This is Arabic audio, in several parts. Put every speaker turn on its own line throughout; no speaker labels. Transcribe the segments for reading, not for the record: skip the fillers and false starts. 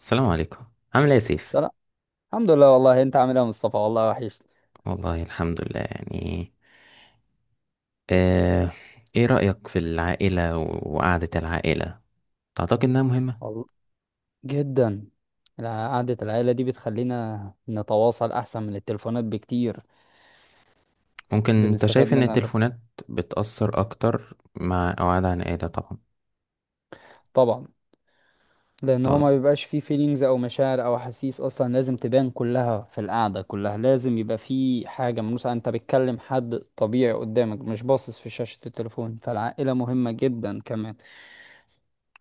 السلام عليكم. عامل ايه يا سيف؟
سلام. الحمد لله. والله انت عامل ايه يا مصطفى؟ والله وحش.
والله الحمد لله يعني. آه، ايه رأيك في العائلة وقعدة العائلة؟ تعتقد انها مهمة؟
والله، جدا. قعدة العيلة دي بتخلينا نتواصل احسن من التليفونات بكتير.
ممكن. انت
بنستفاد
شايف ان
منها.
التليفونات بتأثر اكتر مع قعدة عن عائلة؟ طبعا.
طبعا، لان هو
طيب.
ما بيبقاش فيه فيلينجز او مشاعر او احاسيس اصلا لازم تبان كلها في القعدة، كلها لازم يبقى فيه حاجة ملموسة. انت بتكلم حد طبيعي قدامك مش باصص في شاشة التليفون، فالعائلة مهمة جدا كمان.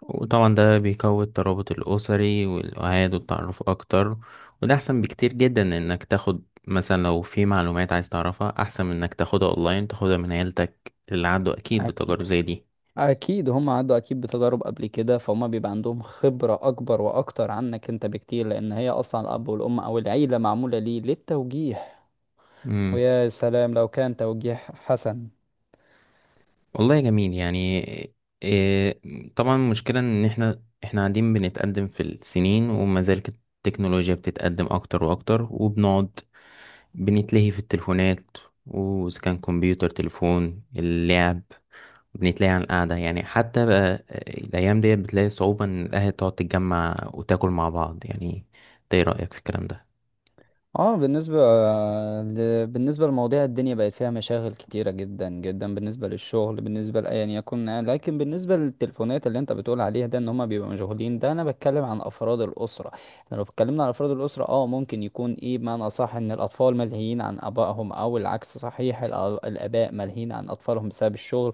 وطبعا ده بيقوي الترابط الأسري والوعاد والتعرف اكتر. وده احسن بكتير جدا من انك تاخد مثلا، لو في معلومات عايز تعرفها احسن من انك تاخدها اونلاين تاخدها من عيلتك، اللي عنده اكيد بتجارب
اكيد،
زي
اكيد هم عدوا اكيد بتجارب قبل كده، فهم بيبقى عندهم خبرة اكبر واكتر عنك انت بكتير، لان هي اصلا الاب والام او العيلة معمولة ليه للتوجيه.
دي.
ويا سلام لو كان توجيه حسن.
والله جميل يعني. إيه. طبعا المشكلة ان احنا قاعدين بنتقدم في السنين، وما زال التكنولوجيا بتتقدم اكتر واكتر، وبنقعد بنتلهي في التليفونات، واذا كان كمبيوتر تليفون اللعب، بنتلهي عن القعدة يعني. حتى بقى الايام ديت بتلاقي صعوبة ان الاهل تقعد تتجمع وتاكل مع بعض يعني. إنت ايه رأيك في الكلام
اه، بالنسبة لمواضيع الدنيا بقت فيها مشاغل كتيرة جدا جدا، بالنسبة للشغل بالنسبة لأيا يكن، لكن بالنسبة للتليفونات اللي انت بتقول عليها ده ان هما بيبقوا مشغولين ده، انا بتكلم عن افراد الأسرة. احنا لو اتكلمنا عن افراد الأسرة، اه ممكن يكون ايه بمعنى صح ان الاطفال ملهيين عن ابائهم او العكس صحيح، الاباء ملهيين عن اطفالهم بسبب الشغل.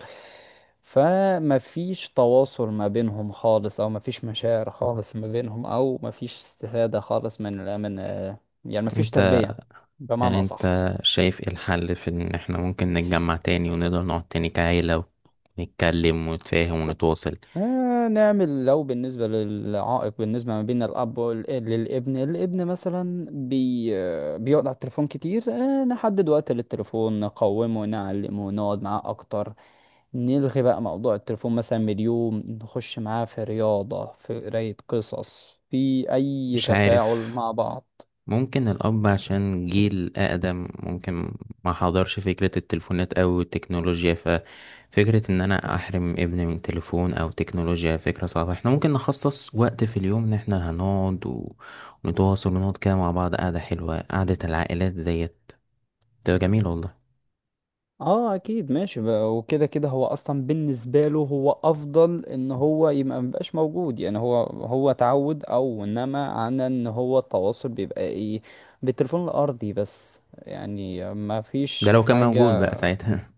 فما فيش تواصل ما بينهم خالص، او ما فيش مشاعر خالص ما بينهم، او ما فيش استفادة خالص من يعني مفيش
ده؟
تربية
يعني
بمعنى
انت
أصح.
شايف ايه الحل في ان احنا ممكن نتجمع تاني ونقدر نقعد تاني كعيلة، ونتكلم ونتفاهم ونتواصل؟
آه، نعمل لو بالنسبة للعائق بالنسبة ما بين الأب للابن. الابن مثلا بي آه، بيقعد على التليفون كتير، آه نحدد وقت للتليفون، نقومه نعلمه نقعد معاه أكتر. نلغي بقى موضوع التليفون مثلا من اليوم، نخش معاه في رياضة، في قراية قصص، في أي
مش
تفاعل
عارف.
مع بعض.
ممكن الأب عشان جيل أقدم ممكن ما حضرش فكرة التليفونات أو التكنولوجيا، ففكرة إن أنا أحرم ابني من تليفون أو تكنولوجيا فكرة صعبة. احنا ممكن نخصص وقت في اليوم إن احنا هنقعد ونتواصل ونقعد كده مع بعض قعدة حلوة. قعدة العائلات زيت تبقى جميلة والله.
اه، اكيد ماشي بقى. وكده كده هو اصلا بالنسبه له هو افضل ان هو يبقى مبقاش موجود، يعني هو اتعود او انما عن ان هو التواصل بيبقى ايه، بالتليفون الارضي بس، يعني ما
ده
فيش
لو كان موجود
حاجه.
بقى ساعتها.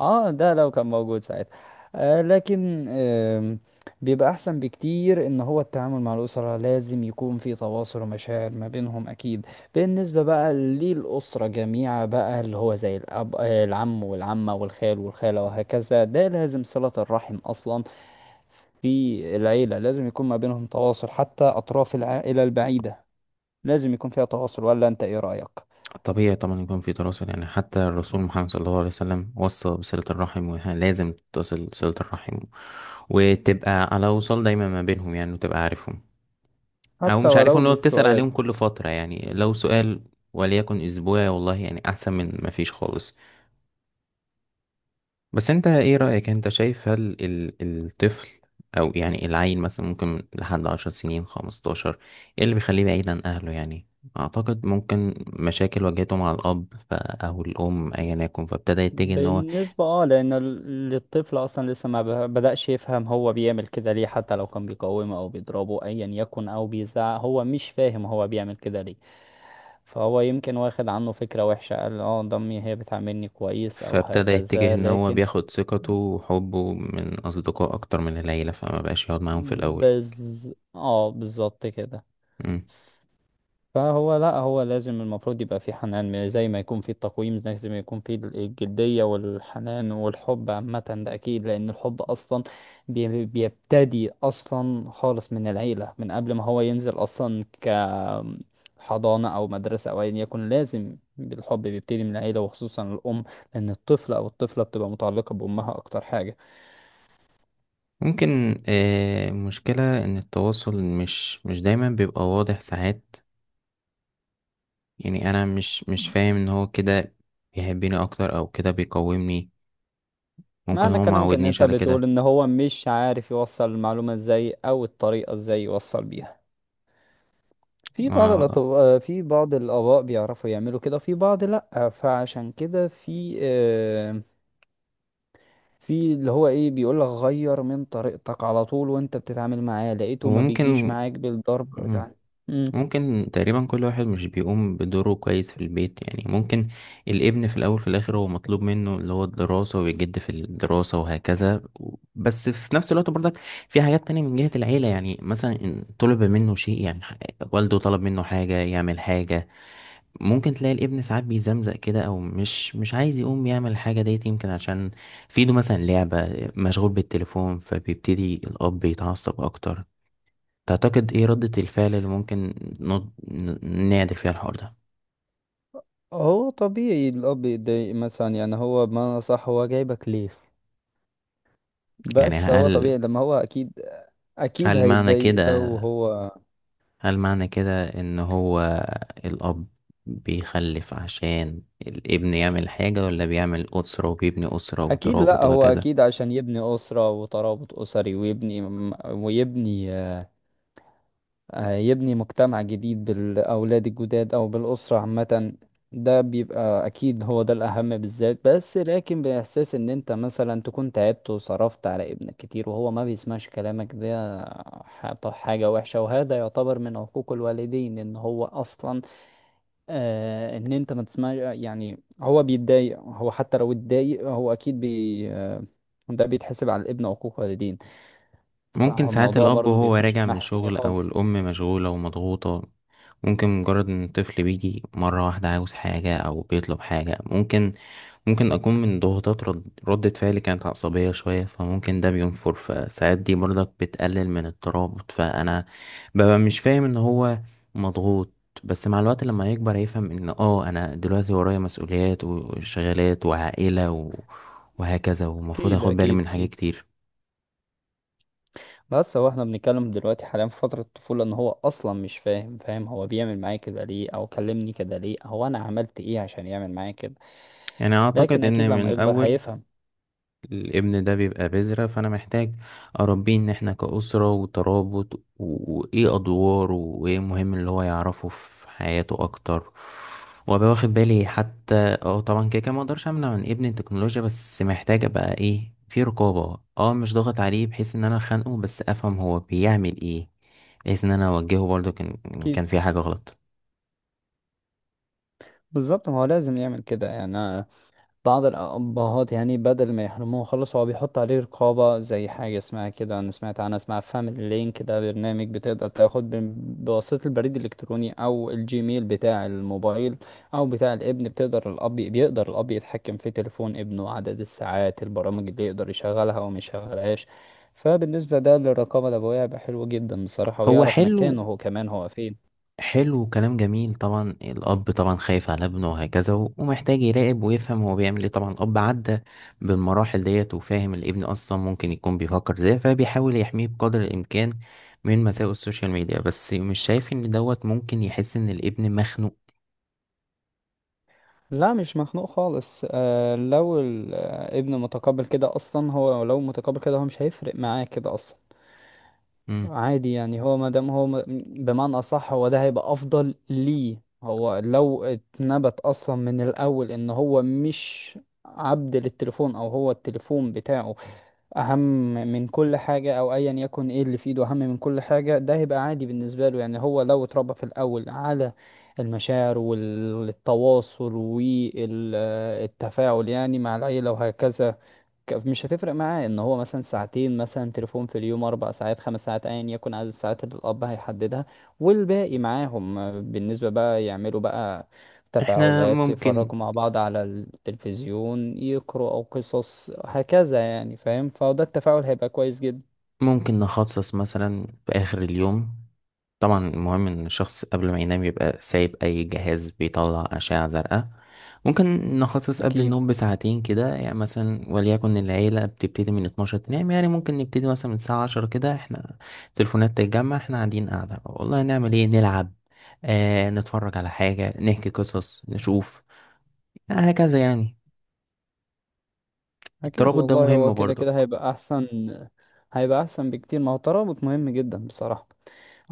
اه، ده لو كان موجود ساعتها. لكن بيبقى احسن بكتير ان هو التعامل مع الاسره لازم يكون في تواصل ومشاعر ما بينهم اكيد. بالنسبه بقى للاسره جميعا بقى، اللي هو زي الاب، العم والعمه والخال والخاله وهكذا، ده لازم صله الرحم اصلا. في العيله لازم يكون ما بينهم تواصل، حتى اطراف العائله البعيده لازم يكون فيها تواصل، ولا انت ايه رايك؟
طبيعي طبعا يكون في تواصل يعني، حتى الرسول محمد صلى الله عليه وسلم وصى بصلة الرحم، ولازم تتصل صلة الرحم وتبقى على وصل دايما ما بينهم يعني، وتبقى عارفهم او
حتى
مش
ولو
عارفهم. لو بتسأل
بالسؤال.
عليهم كل فترة يعني، لو سؤال وليكن اسبوعي، والله يعني احسن من ما فيش خالص. بس انت ايه رأيك؟ انت شايف هل الطفل او يعني العيل مثلا، ممكن لحد 10 سنين 15، ايه اللي بيخليه بعيد عن اهله يعني؟ اعتقد ممكن مشاكل واجهته مع الاب او الام ايا يكن،
بالنسبة، اه، لأن الطفل أصلا لسه ما ب- بدأش يفهم هو بيعمل كده ليه، حتى لو كان بيقومه أو بيضربه أيا يكن أو بيزعق هو مش فاهم هو بيعمل كده ليه. فهو يمكن واخد عنه فكرة وحشة قال اه ضمي هي بتعاملني كويس أو
فابتدى يتجه
هكذا،
ان هو
لكن
بياخد ثقته وحبه من اصدقاء اكتر من العيلة، فما بقاش يقعد معاهم في الاول.
بز اه بالظبط كده.
مم.
فهو لا هو لازم المفروض يبقى في حنان، زي ما يكون في التقويم لازم يكون في الجدية والحنان والحب عامة، ده أكيد. لأن الحب أصلا بيبتدي أصلا خالص من العيلة، من قبل ما هو ينزل أصلا كحضانة أو مدرسة أو أيا يكن، لازم الحب بيبتدي من العيلة وخصوصا الأم، لأن الطفل أو الطفلة بتبقى متعلقة بأمها أكتر حاجة.
ممكن. مشكلة ان التواصل مش دايما بيبقى واضح ساعات. يعني انا مش فاهم ان هو كده بيحبني اكتر، او كده بيقومني. ممكن
معنى
هو ما
كلامك إن
عودنيش
أنت
على
بتقول
كده.
إن هو مش عارف يوصل المعلومة إزاي أو الطريقة إزاي يوصل بيها. في بعض
ما-
الأطباء، في بعض الآباء بيعرفوا يعملوا كده، في بعض لأ. فعشان كده في في اللي هو إيه بيقولك غير من طريقتك على طول، وأنت بتتعامل معاه لقيته ما بيجيش
وممكن.
معاك بالضرب
مم.
بتاع مم.
ممكن تقريبا كل واحد مش بيقوم بدوره كويس في البيت يعني. ممكن الابن في الاول في الاخر هو مطلوب منه اللي هو الدراسة، ويجد في الدراسة وهكذا، بس في نفس الوقت برضك في حاجات تانية من جهة العيلة. يعني مثلا إن طلب منه شيء يعني، والده طلب منه حاجة يعمل حاجة، ممكن تلاقي الابن ساعات بيزمزق كده، او مش عايز يقوم يعمل الحاجه ديت، يمكن عشان في ايده مثلا لعبه مشغول بالتليفون، فبيبتدي الاب يتعصب اكتر. تعتقد ايه ردة الفعل اللي ممكن نعدل فيها الحوار ده؟
هو طبيعي الأب يتضايق مثلا، يعني هو بمعنى صح هو جايبك ليه؟
يعني
بس هو طبيعي لما هو أكيد، أكيد
هل معنى
هيتضايق
كده
لو هو.
هل معنى كده ان هو الاب بيخلف عشان الابن يعمل حاجة، ولا بيعمل أسرة وبيبني أسرة
أكيد
وترابط
لأ، هو
وهكذا؟
أكيد عشان يبني أسرة وترابط أسري، ويبني هيبني مجتمع جديد بالأولاد الجداد أو بالأسرة عامة. ده بيبقى أكيد هو ده الأهم بالذات، بس لكن بإحساس إن أنت مثلا تكون تعبت وصرفت على ابنك كتير وهو ما بيسمعش كلامك، ده حاجة وحشة. وهذا يعتبر من حقوق الوالدين إن هو أصلا إن أنت ما تسمعش، يعني هو بيتضايق هو، حتى لو اتضايق هو أكيد بي آه ده بيتحسب على الابن، حقوق والدين.
ممكن ساعات
فالموضوع
الأب
برضو
وهو
بيخش
راجع
في
من
ناحية تانية
شغل، أو
خالص.
الأم مشغولة ومضغوطة، ممكن مجرد إن الطفل بيجي مرة واحدة عاوز حاجة أو بيطلب حاجة، ممكن أكون من ضغوطات ردة فعلي كانت عصبية شوية، فممكن ده بينفر، فساعات دي برضك بتقلل من الترابط. فأنا ببقى مش فاهم إن هو مضغوط. بس مع الوقت لما يكبر هيفهم إن أنا دلوقتي ورايا مسؤوليات وشغالات وعائلة وهكذا، ومفروض
أكيد،
أخد بالي
أكيد،
من حاجات
أكيد.
كتير.
بس هو احنا بنتكلم دلوقتي حاليا في فترة الطفولة ان هو اصلا مش فاهم، فاهم هو بيعمل معايا كده ليه؟ او كلمني كده ليه؟ هو انا عملت ايه عشان يعمل معايا كده؟
يعني اعتقد
لكن اكيد
ان
لما
من
يكبر
اول
هيفهم.
الابن ده بيبقى بذرة، فانا محتاج اربيه ان احنا كأسرة وترابط وايه ادواره، وايه مهم اللي هو يعرفه في حياته اكتر، وابقى واخد بالي حتى. اه طبعا كده كده ما اقدرش امنع من ابني التكنولوجيا، بس محتاج ابقى ايه في رقابة، مش ضاغط عليه بحيث ان انا خانقه، بس افهم هو بيعمل ايه، بحيث ان انا اوجهه برضه كان
اكيد
كان في حاجة غلط.
بالظبط، ما هو لازم يعمل كده يعني. بعض الأبهات يعني بدل ما يحرموه خالص، هو بيحط عليه رقابة زي حاجة اسمها كده، أنا سمعت عنها اسمها فاميلي لينك، ده برنامج بتقدر تاخد بواسطة البريد الإلكتروني أو الجيميل بتاع الموبايل أو بتاع الابن، بتقدر الأب بيقدر الأب يتحكم في تليفون ابنه، عدد الساعات، البرامج اللي يقدر يشغلها وما يشغلهاش. فبالنسبة ده للرقابة الأبوية هيبقى حلو جدا بصراحة،
هو
ويعرف مكانه
حلو.
هو كمان هو فين.
حلو كلام جميل. طبعا الأب طبعا خايف على ابنه وهكذا، ومحتاج يراقب ويفهم هو بيعمل ايه. طبعا الأب عدى بالمراحل ديت وفاهم الابن أصلا ممكن يكون بيفكر ازاي، فبيحاول يحميه بقدر الإمكان من مساوئ السوشيال ميديا. بس مش شايف إن دوت ممكن يحس إن الابن مخنوق؟
لا مش مخنوق خالص. لو الابن متقبل كده اصلا، هو لو متقبل كده هو مش هيفرق معاه كده اصلا.
مم.
عادي يعني، هو ما دام هو بمعنى اصح هو ده هيبقى افضل ليه. هو لو اتنبت اصلا من الاول ان هو مش عبد للتليفون، او هو التليفون بتاعه اهم من كل حاجة او ايا يكن ايه اللي في ايده اهم من كل حاجة، ده هيبقى عادي بالنسبة له. يعني هو لو اتربى في الاول على المشاعر والتواصل والتفاعل، يعني مع العيلة وهكذا، مش هتفرق معاه ان هو مثلا ساعتين مثلا تليفون في اليوم، 4 ساعات، 5 ساعات، ايا يكن عدد الساعات اللي الاب هيحددها. والباقي معاهم، بالنسبة بقى يعملوا بقى
احنا
تفاعلات،
ممكن
يتفرجوا مع بعض على التلفزيون، يقروا او قصص هكذا، يعني فاهم، فده التفاعل هيبقى كويس جدا.
ممكن نخصص مثلا في آخر اليوم. طبعا المهم إن الشخص قبل ما ينام يبقى سايب أي جهاز بيطلع أشعة زرقاء. ممكن نخصص قبل
اكيد،
النوم بساعتين كده، يعني مثلا وليكن العيلة بتبتدي من 12 تنام، يعني ممكن نبتدي مثلا من الساعة 10 كده، احنا التليفونات تتجمع، احنا قاعدين قاعدة والله، نعمل ايه، نلعب، نتفرج على حاجة، نحكي قصص، نشوف يعني، هكذا يعني.
اكيد
الترابط ده
والله، هو
مهم
كده
برضك.
كده هيبقى احسن. هيبقى احسن بكتير، ما هو الترابط مهم جدا بصراحة.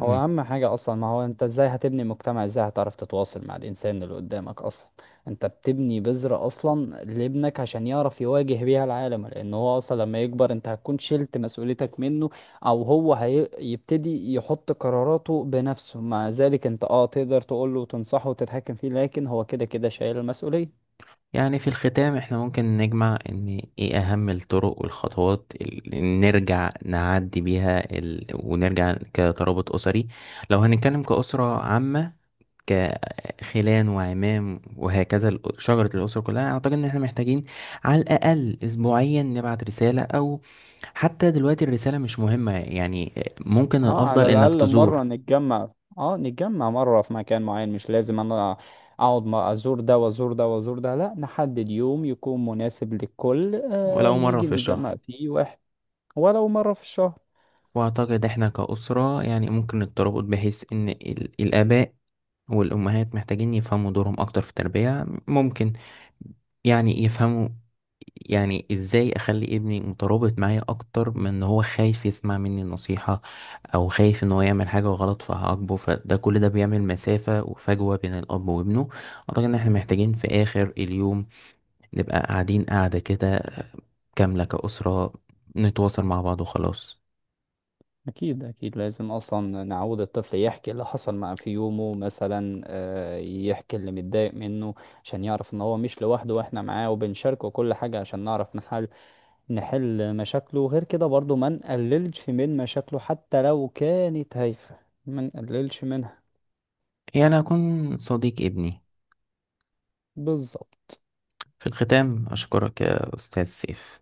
هو اهم حاجة اصلا، ما هو انت ازاي هتبني مجتمع، ازاي هتعرف تتواصل مع الانسان اللي قدامك اصلا. انت بتبني بذرة اصلا لابنك عشان يعرف يواجه بيها العالم، لان هو اصلا لما يكبر انت هتكون شلت مسؤوليتك منه، او هو هيبتدي يحط قراراته بنفسه. مع ذلك انت تقدر تقوله وتنصحه وتتحكم فيه، لكن هو كده كده شايل المسؤولية.
يعني في الختام، احنا ممكن نجمع ان ايه اهم الطرق والخطوات اللي نرجع نعدي بيها ونرجع كترابط اسري. لو هنتكلم كأسرة عامة كخلان وعمام وهكذا، شجرة الأسرة كلها، أعتقد إن إحنا محتاجين على الأقل أسبوعيا نبعت رسالة، أو حتى دلوقتي الرسالة مش مهمة يعني. ممكن
اه، على
الأفضل إنك
الاقل
تزور
مره نتجمع. اه نتجمع مره في مكان معين، مش لازم انا اقعد ما ازور ده وازور ده وازور ده، لا نحدد يوم يكون مناسب للكل،
ولو مرة
نيجي
في
نتجمع
الشهر.
فيه واحد. ولو مره في الشهر.
وأعتقد إحنا كأسرة يعني ممكن الترابط، بحيث إن الآباء والأمهات محتاجين يفهموا دورهم أكتر في التربية. ممكن يعني يفهموا، يعني ازاي اخلي ابني مترابط معايا اكتر من ان هو خايف يسمع مني نصيحة، او خايف ان هو يعمل حاجة غلط فهعاقبه، فده كل ده بيعمل مسافة وفجوة بين الاب وابنه. اعتقد ان احنا محتاجين في اخر اليوم نبقى قاعدين قاعدة كده، كاملة كأسرة، نتواصل مع بعض وخلاص.
اكيد، اكيد لازم اصلا نعود الطفل يحكي اللي حصل معاه في يومه مثلا، يحكي اللي متضايق منه، عشان يعرف ان هو مش لوحده، واحنا معاه وبنشاركه كل حاجه، عشان نعرف نحل مشاكله. وغير كده برضو ما نقللش من مشاكله حتى لو كانت هايفة، ما نقللش منها.
يعني اكون صديق ابني.
بالظبط.
في الختام اشكرك يا استاذ سيف.